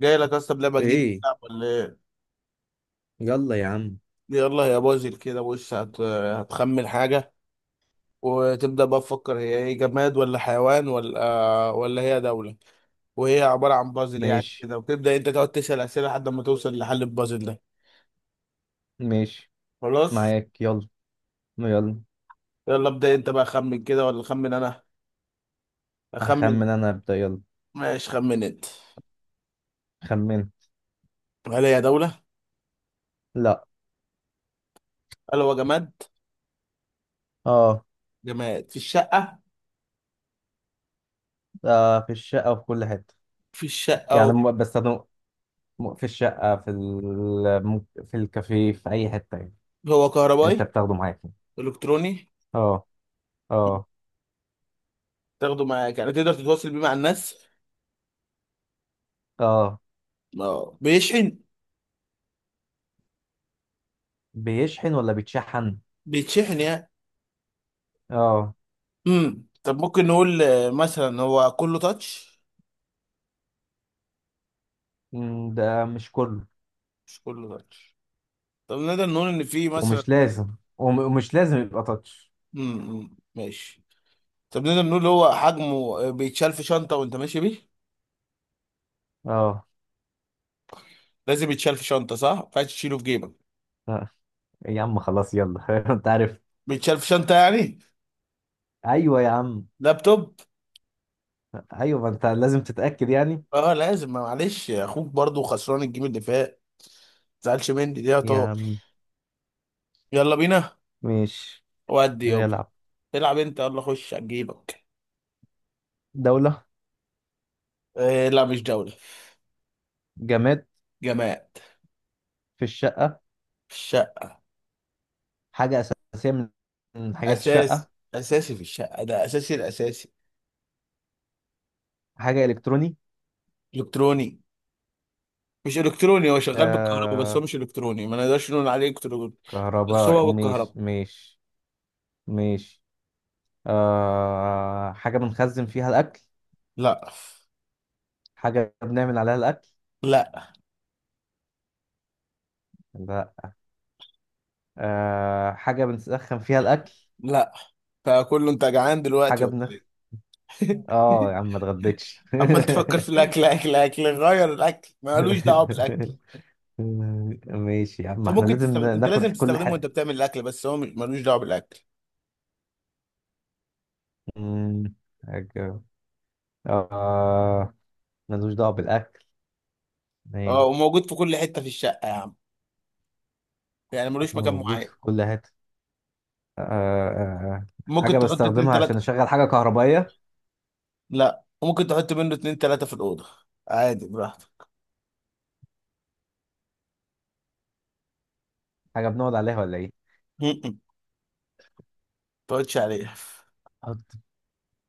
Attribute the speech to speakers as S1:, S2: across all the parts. S1: جاي لك اصلا بلعبه جديده
S2: ايه.
S1: تلعب ولا ايه؟
S2: يلا يا عم.
S1: يلا يا بازل كده، بص هتخمن حاجه وتبدا بقى تفكر هي ايه، جماد ولا حيوان ولا هي دوله. وهي عباره عن بازل يعني
S2: ماشي
S1: كده، وتبدا انت تقعد تسال اسئله لحد ما توصل لحل البازل ده.
S2: ماشي.
S1: خلاص،
S2: معاك يلا. يلا.
S1: يلا ابدا انت بقى، خمن كده ولا خمن انا؟ اخمن.
S2: هخمن انا، ابدا يلا.
S1: ماشي، خمن انت.
S2: خمن.
S1: هل هي دوله؟
S2: لا.
S1: هل هو جماد؟
S2: اه.
S1: جماد في الشقه.
S2: في الشقه وفي كل حته.
S1: في الشقه
S2: يعني
S1: اهو.
S2: بستخدمه في الشقه في في الكافيه في اي حته يعني.
S1: هو
S2: انت
S1: كهربائي؟
S2: بتاخده معاك يعني.
S1: الكتروني.
S2: اه. اه.
S1: تاخده معاك يعني، تقدر تتواصل بيه مع الناس.
S2: اه.
S1: اه بيشحن.
S2: بيشحن ولا بيتشحن؟
S1: بيتشحن يعني.
S2: اه.
S1: طب ممكن نقول مثلا هو كله تاتش؟
S2: ده مش كله.
S1: مش كله تاتش. طب نقدر نقول ان في مثلا.
S2: ومش لازم ومش لازم يبقى تاتش.
S1: ماشي. طب نقدر نقول هو حجمه، بيتشال في شنطه وانت ماشي بيه؟
S2: اه.
S1: لازم يتشال في شنطه، صح؟ ما ينفعش تشيله في جيبك.
S2: آه، يا عم خلاص يلا انت عارف.
S1: بيتشال في شنطه يعني.
S2: ايوه يا عم.
S1: لابتوب.
S2: ايوه، ما انت لازم تتاكد يعني.
S1: اه لازم، ما معلش يا اخوك برضو خسران الجيم اللي فات، ما تزعلش مني دي يا
S2: يا
S1: طارق.
S2: عم،
S1: يلا بينا.
S2: مش
S1: ودي يابا.
S2: نلعب؟
S1: العب انت، يلا خش على جيبك.
S2: دوله.
S1: لا مش جوله.
S2: جماد
S1: جماعه.
S2: في الشقه. حاجه اساسيه من حاجات
S1: اساس.
S2: الشقه.
S1: اساسي في الشقه ده، اساسي الاساسي.
S2: حاجه الكتروني.
S1: الكتروني؟ مش الكتروني، هو شغال بالكهرباء بس، هو
S2: آه.
S1: مش الكتروني، ما نقدرش نقول عليه الكتروني. بس
S2: كهرباء.
S1: هو بالكهرباء.
S2: مش. آه، حاجه بنخزن فيها الاكل.
S1: لا.
S2: حاجه بنعمل عليها الاكل.
S1: لا.
S2: لا. آه، حاجه بنسخن فيها الاكل.
S1: لا. فكله، انت جعان دلوقتي
S2: حاجه
S1: ولا
S2: بنخ.
S1: ايه؟
S2: اه يا عم، ما اتغديتش.
S1: عمال تفكر في الاكل، اكل اكل، غير الاكل مالوش دعوه بالاكل.
S2: ماشي يا عم،
S1: انت
S2: احنا
S1: ممكن
S2: لازم
S1: تستخدم، انت
S2: ناخد
S1: لازم
S2: كل
S1: تستخدمه وانت
S2: حاجة.
S1: بتعمل الاكل، بس هو ملوش دعوه بالاكل.
S2: مم، حاجة. آه. ملوش دعوة بالأكل.
S1: اه،
S2: نعم.
S1: وموجود في كل حته في الشقه يا عم، يعني ملوش مكان
S2: موجود
S1: معين.
S2: في كل حتة. آه. آه.
S1: ممكن
S2: حاجة
S1: تحط اتنين
S2: بستخدمها عشان
S1: تلات.
S2: أشغل حاجة كهربائية.
S1: لا، ممكن تحط منه اتنين تلاتة في الأوضة، عادي براحتك.
S2: حاجة بنقعد عليها ولا إيه؟
S1: م- م. ما تقعدش عليها.
S2: أحط.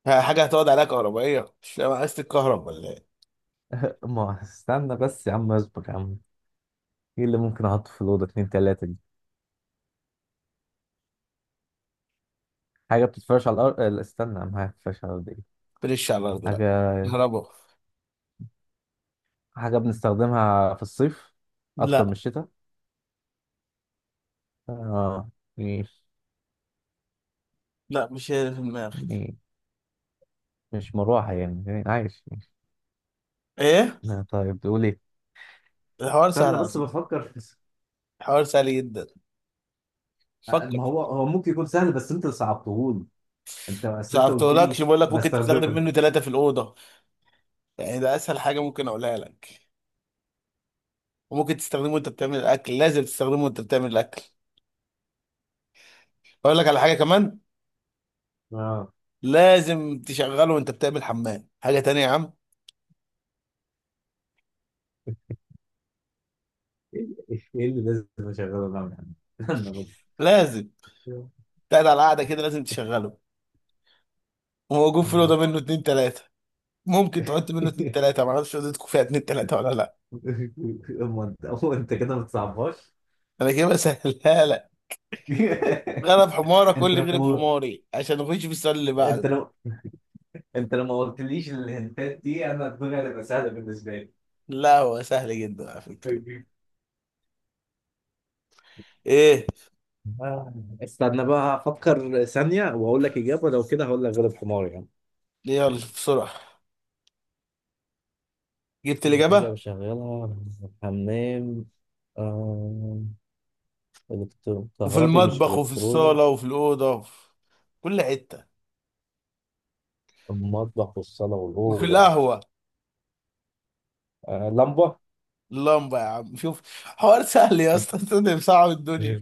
S1: ها، حاجة هتقعد عليها كهربائية؟ مش فاهم، عايز تتكهرب ولا ايه؟
S2: ما استنى بس يا عم، اصبر يا عم. إيه اللي ممكن أحطه في الأوضة اتنين تلاتة دي؟ حاجة بتتفرش على الأرض. آه، لا، استنى يا عم، حاجة بتتفرش على الأرض إيه؟
S1: بلش على الأرض لا.
S2: حاجة.
S1: كهربا.
S2: حاجة بنستخدمها في الصيف أكتر من
S1: لا،
S2: الشتاء. آه. ماشي.
S1: لا، مش هي اللي في دماغك.
S2: مش مروحة يعني؟ يعني عايش.
S1: ايه؟
S2: طيب تقول ايه؟
S1: الحوار سهل
S2: استنى
S1: على
S2: بس
S1: فكرة.
S2: بفكر في.
S1: الحوار سهل جدا. فكر.
S2: ما هو هو ممكن يكون سهل، بس انت اللي صعبتهولي. انت قلت
S1: صعبتهولكش،
S2: لي.
S1: بقول لك ممكن تستخدم
S2: بستخدمه.
S1: منه ثلاثة في الأوضة، يعني ده أسهل حاجة ممكن أقولها لك. وممكن تستخدمه وأنت بتعمل الأكل، لازم تستخدمه وأنت بتعمل الأكل. أقول لك على حاجة كمان،
S2: اه.
S1: لازم تشغله وأنت بتعمل حمام، حاجة تانية يا عم.
S2: ايه اللي إيه اللي لازم اشغله ده يعني؟ استنى بس.
S1: لازم. قاعد على قاعده كده لازم تشغله. وموجود في الاوضه منه اتنين تلاته. ممكن تحط منه اتنين تلاته، ما اعرفش اوضتكم فيها اتنين تلاته ولا لا.
S2: اما انت أما انت كده ما بتصعبهاش.
S1: انا كده بسهلها لك. غلب حمارك، قول
S2: انت
S1: لي غلب
S2: لو
S1: حماري عشان نخش في السؤال اللي
S2: انت
S1: بعده.
S2: لو انت لو ما قلتليش الهنتات دي انا الدنيا هتبقى سهله بالنسبه
S1: لا هو سهل جدا على فكره.
S2: لي.
S1: ايه؟
S2: آه، استنى بقى افكر ثانية واقول لك اجابة، لو كده هقول لك غلب حمار يعني.
S1: يلا بسرعه، جبت
S2: حاجة
S1: الاجابه.
S2: بشغلها. حمام. آه...
S1: وفي
S2: كهربي مش
S1: المطبخ وفي
S2: إلكتروني.
S1: الصاله وفي الاوضه وفي كل حته
S2: المطبخ والصالة
S1: وفي
S2: والأوضة.
S1: القهوه.
S2: آه... لمبة.
S1: اللمبه يا عم، شوف حوار سهل يا اسطى. انت بتصعب الدنيا،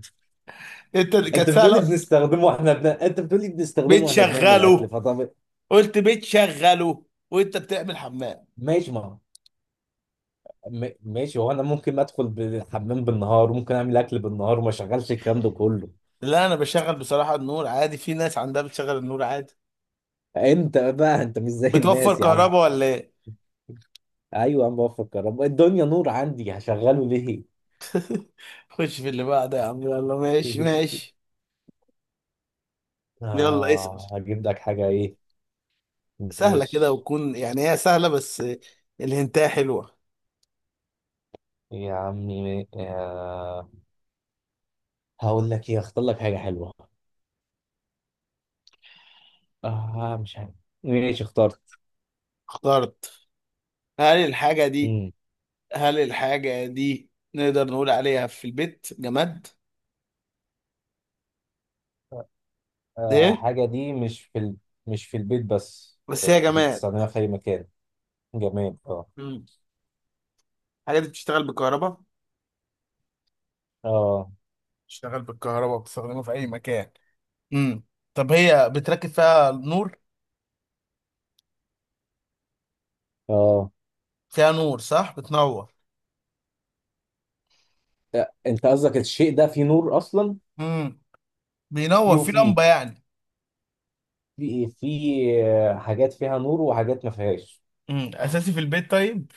S1: انت كانت سهله.
S2: أنت بتقولي بنستخدمه وإحنا بنعمل أكل،
S1: بتشغله.
S2: فطب.
S1: قلت بتشغله وانت بتعمل حمام.
S2: ماشي. ما م... ماشي، هو أنا ممكن أدخل بالحمام بالنهار وممكن أعمل أكل بالنهار وما أشغلش الكلام ده كله.
S1: لا انا بشغل بصراحه النور عادي، في ناس عندها بتشغل النور عادي.
S2: أنت مش زي
S1: بتوفر
S2: الناس يا عم.
S1: كهرباء ولا ايه؟
S2: ايوه انا بفكر، الدنيا نور عندي هشغله ليه؟
S1: خش في اللي بعده يا عم، يلا ماشي ماشي. يلا اسأل،
S2: آه، هجيب لك حاجة، إيه؟
S1: سهله كده،
S2: ماشي
S1: وتكون يعني هي سهله بس الهنتايه حلوه.
S2: يا عمي. آه، هقول لك إيه، أختار لك حاجة حلوة. آه مش عارف. ماشي، اخترت.
S1: اخترت. هل الحاجه دي؟
S2: مم.
S1: هل الحاجه دي نقدر نقول عليها في البيت جماد؟
S2: آه،
S1: ايه؟
S2: حاجة دي مش في مش في البيت بس،
S1: بس
S2: آه،
S1: هي جماد.
S2: بتستخدمها في أي مكان. جماد. آه.
S1: مم. الحاجه دي بتشتغل بالكهرباء.
S2: آه.
S1: بتشتغل بالكهرباء، بتستخدمها في اي مكان. امم طب هي بتركب فيها نور؟
S2: آه.
S1: فيها نور، صح؟ بتنور.
S2: آه، أنت قصدك الشيء ده فيه نور أصلا؟
S1: امم
S2: فيه
S1: بينور في
S2: وفيه.
S1: لمبة يعني.
S2: في إيه؟ في، آه، حاجات فيها نور وحاجات ما فيهاش.
S1: اساسي في البيت طيب؟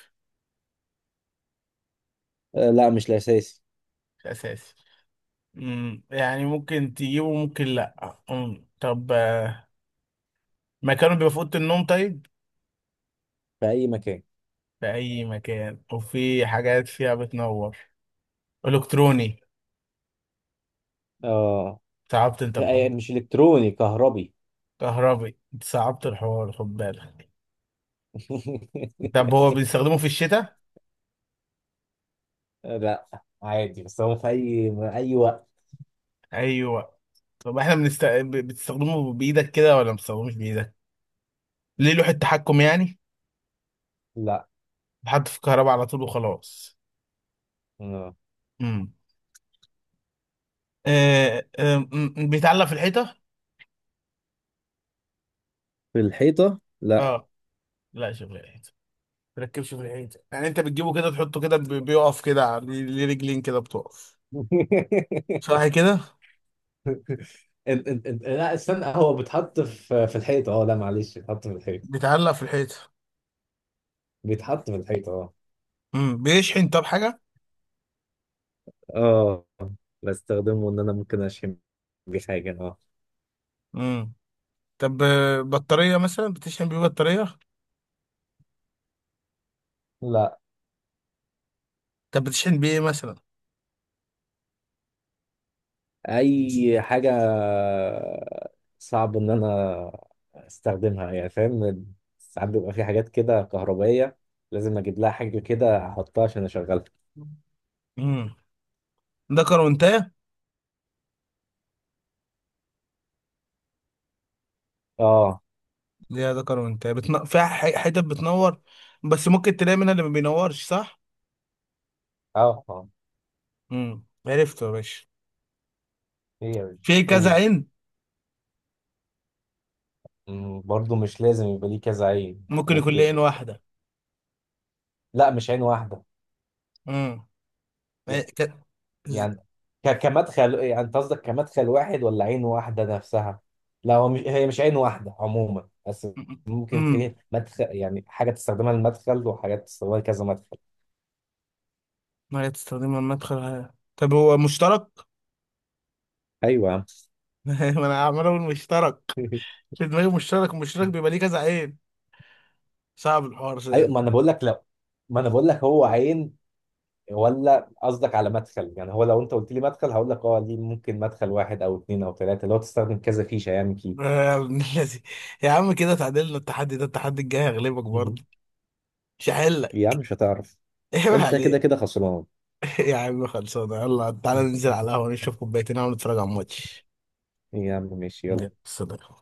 S2: آه، لا مش الأساسي.
S1: مش اساسي. يعني ممكن تجيبه ممكن لا. طب، مكانه بيبقى في اوضه النوم طيب؟
S2: في أي مكان.
S1: في اي مكان وفي حاجات فيها بتنور. الكتروني؟
S2: اه.
S1: صعبت انت الحوار.
S2: لا يعني مش إلكتروني، كهربي.
S1: كهربي؟ انت صعبت الحوار، خد بالك. طب هو بيستخدمه في الشتاء؟
S2: لا عادي، بس هو في أي وقت.
S1: ايوه. طب احنا بتستخدمه بايدك كده ولا ما بتستخدموش بايدك؟ ليه لوحة تحكم يعني؟
S2: لا.
S1: بحط في الكهرباء على طول وخلاص.
S2: آه.
S1: امم بيتعلق في الحيطة؟
S2: في الحيطة لا.
S1: اه. لا شوف الحيطة، تركبش في الحيطة يعني، انت بتجيبه كده تحطه كده، بيقف كده على، ليه ليه رجلين كده بتقف،
S2: إن-
S1: صح كده؟
S2: إن- لا استنى، هو بيتحط في الحيطة. اه لا معلش، بيتحط في الحيطة،
S1: بيتعلق في الحيطة.
S2: بيتحط في الحيطة. اه.
S1: بيشحن؟ طب حاجة.
S2: اه بستخدمه، ان انا ممكن اشم بيه حاجة. اه.
S1: امم طب، بطارية مثلا بتشحن بيه بطارية؟
S2: لا.
S1: طب بتشحن بيه ايه مثلا؟
S2: اي حاجه. صعب ان انا استخدمها يعني، فاهم. ساعات بيبقى في حاجات كده كهربائيه لازم اجيب لها حاجه كده احطها عشان اشغلها.
S1: امم ده كرونتاه.
S2: اه.
S1: ليه ده كرونتاه؟ فيها حتت بتنور، بس ممكن تلاقي منها اللي ما بينورش، صح؟
S2: اه. اه.
S1: عرفته يا باشا.
S2: ايه يا باشا،
S1: في كذا
S2: قول.
S1: عين.
S2: أمم، برضو مش لازم يبقى ليه كذا عين،
S1: ممكن يكون
S2: ممكن.
S1: لعين واحدة.
S2: لا مش عين واحده.
S1: امم إيه ك... ز-
S2: يعني كمدخل، يعني انت قصدك كمدخل واحد ولا عين واحدة نفسها؟ لا هو مش، هي مش عين واحدة عموما، بس ممكن
S1: امم
S2: في مدخل، يعني حاجة تستخدمها للمدخل وحاجات تستخدمها لكذا مدخل.
S1: ما هي تستخدمها المدخل. على، طب هو مشترك.
S2: ايوه يا عم.
S1: ما انا عمال اقول مشترك في دماغي، مشترك مشترك بيبقى ليه كذا عين. صعب الحوار ده
S2: ايوه،
S1: يعني.
S2: ما انا بقول لك لا، ما انا بقول لك هو عين، ولا قصدك على مدخل؟ يعني هو لو انت قلت لي مدخل هقول لك اه، دي ممكن مدخل واحد او اتنين او تلاتة لو تستخدم كذا فيشة، يعني كي.
S1: يا ابن الذي، يا عم كده تعادلنا. التحدي ده، التحدي الجاي هغلبك برضه.
S2: مهم.
S1: مش
S2: يا عم
S1: هحلك.
S2: مش هتعرف،
S1: ايه
S2: انت كده
S1: عليك.
S2: كده خسران.
S1: يا عم خلصانه، يلا تعالى ننزل على القهوه نشرب كوبايتين قهوة ونتفرج على الماتش.
S2: يا عم ماشي يلا.
S1: يلا، سلام.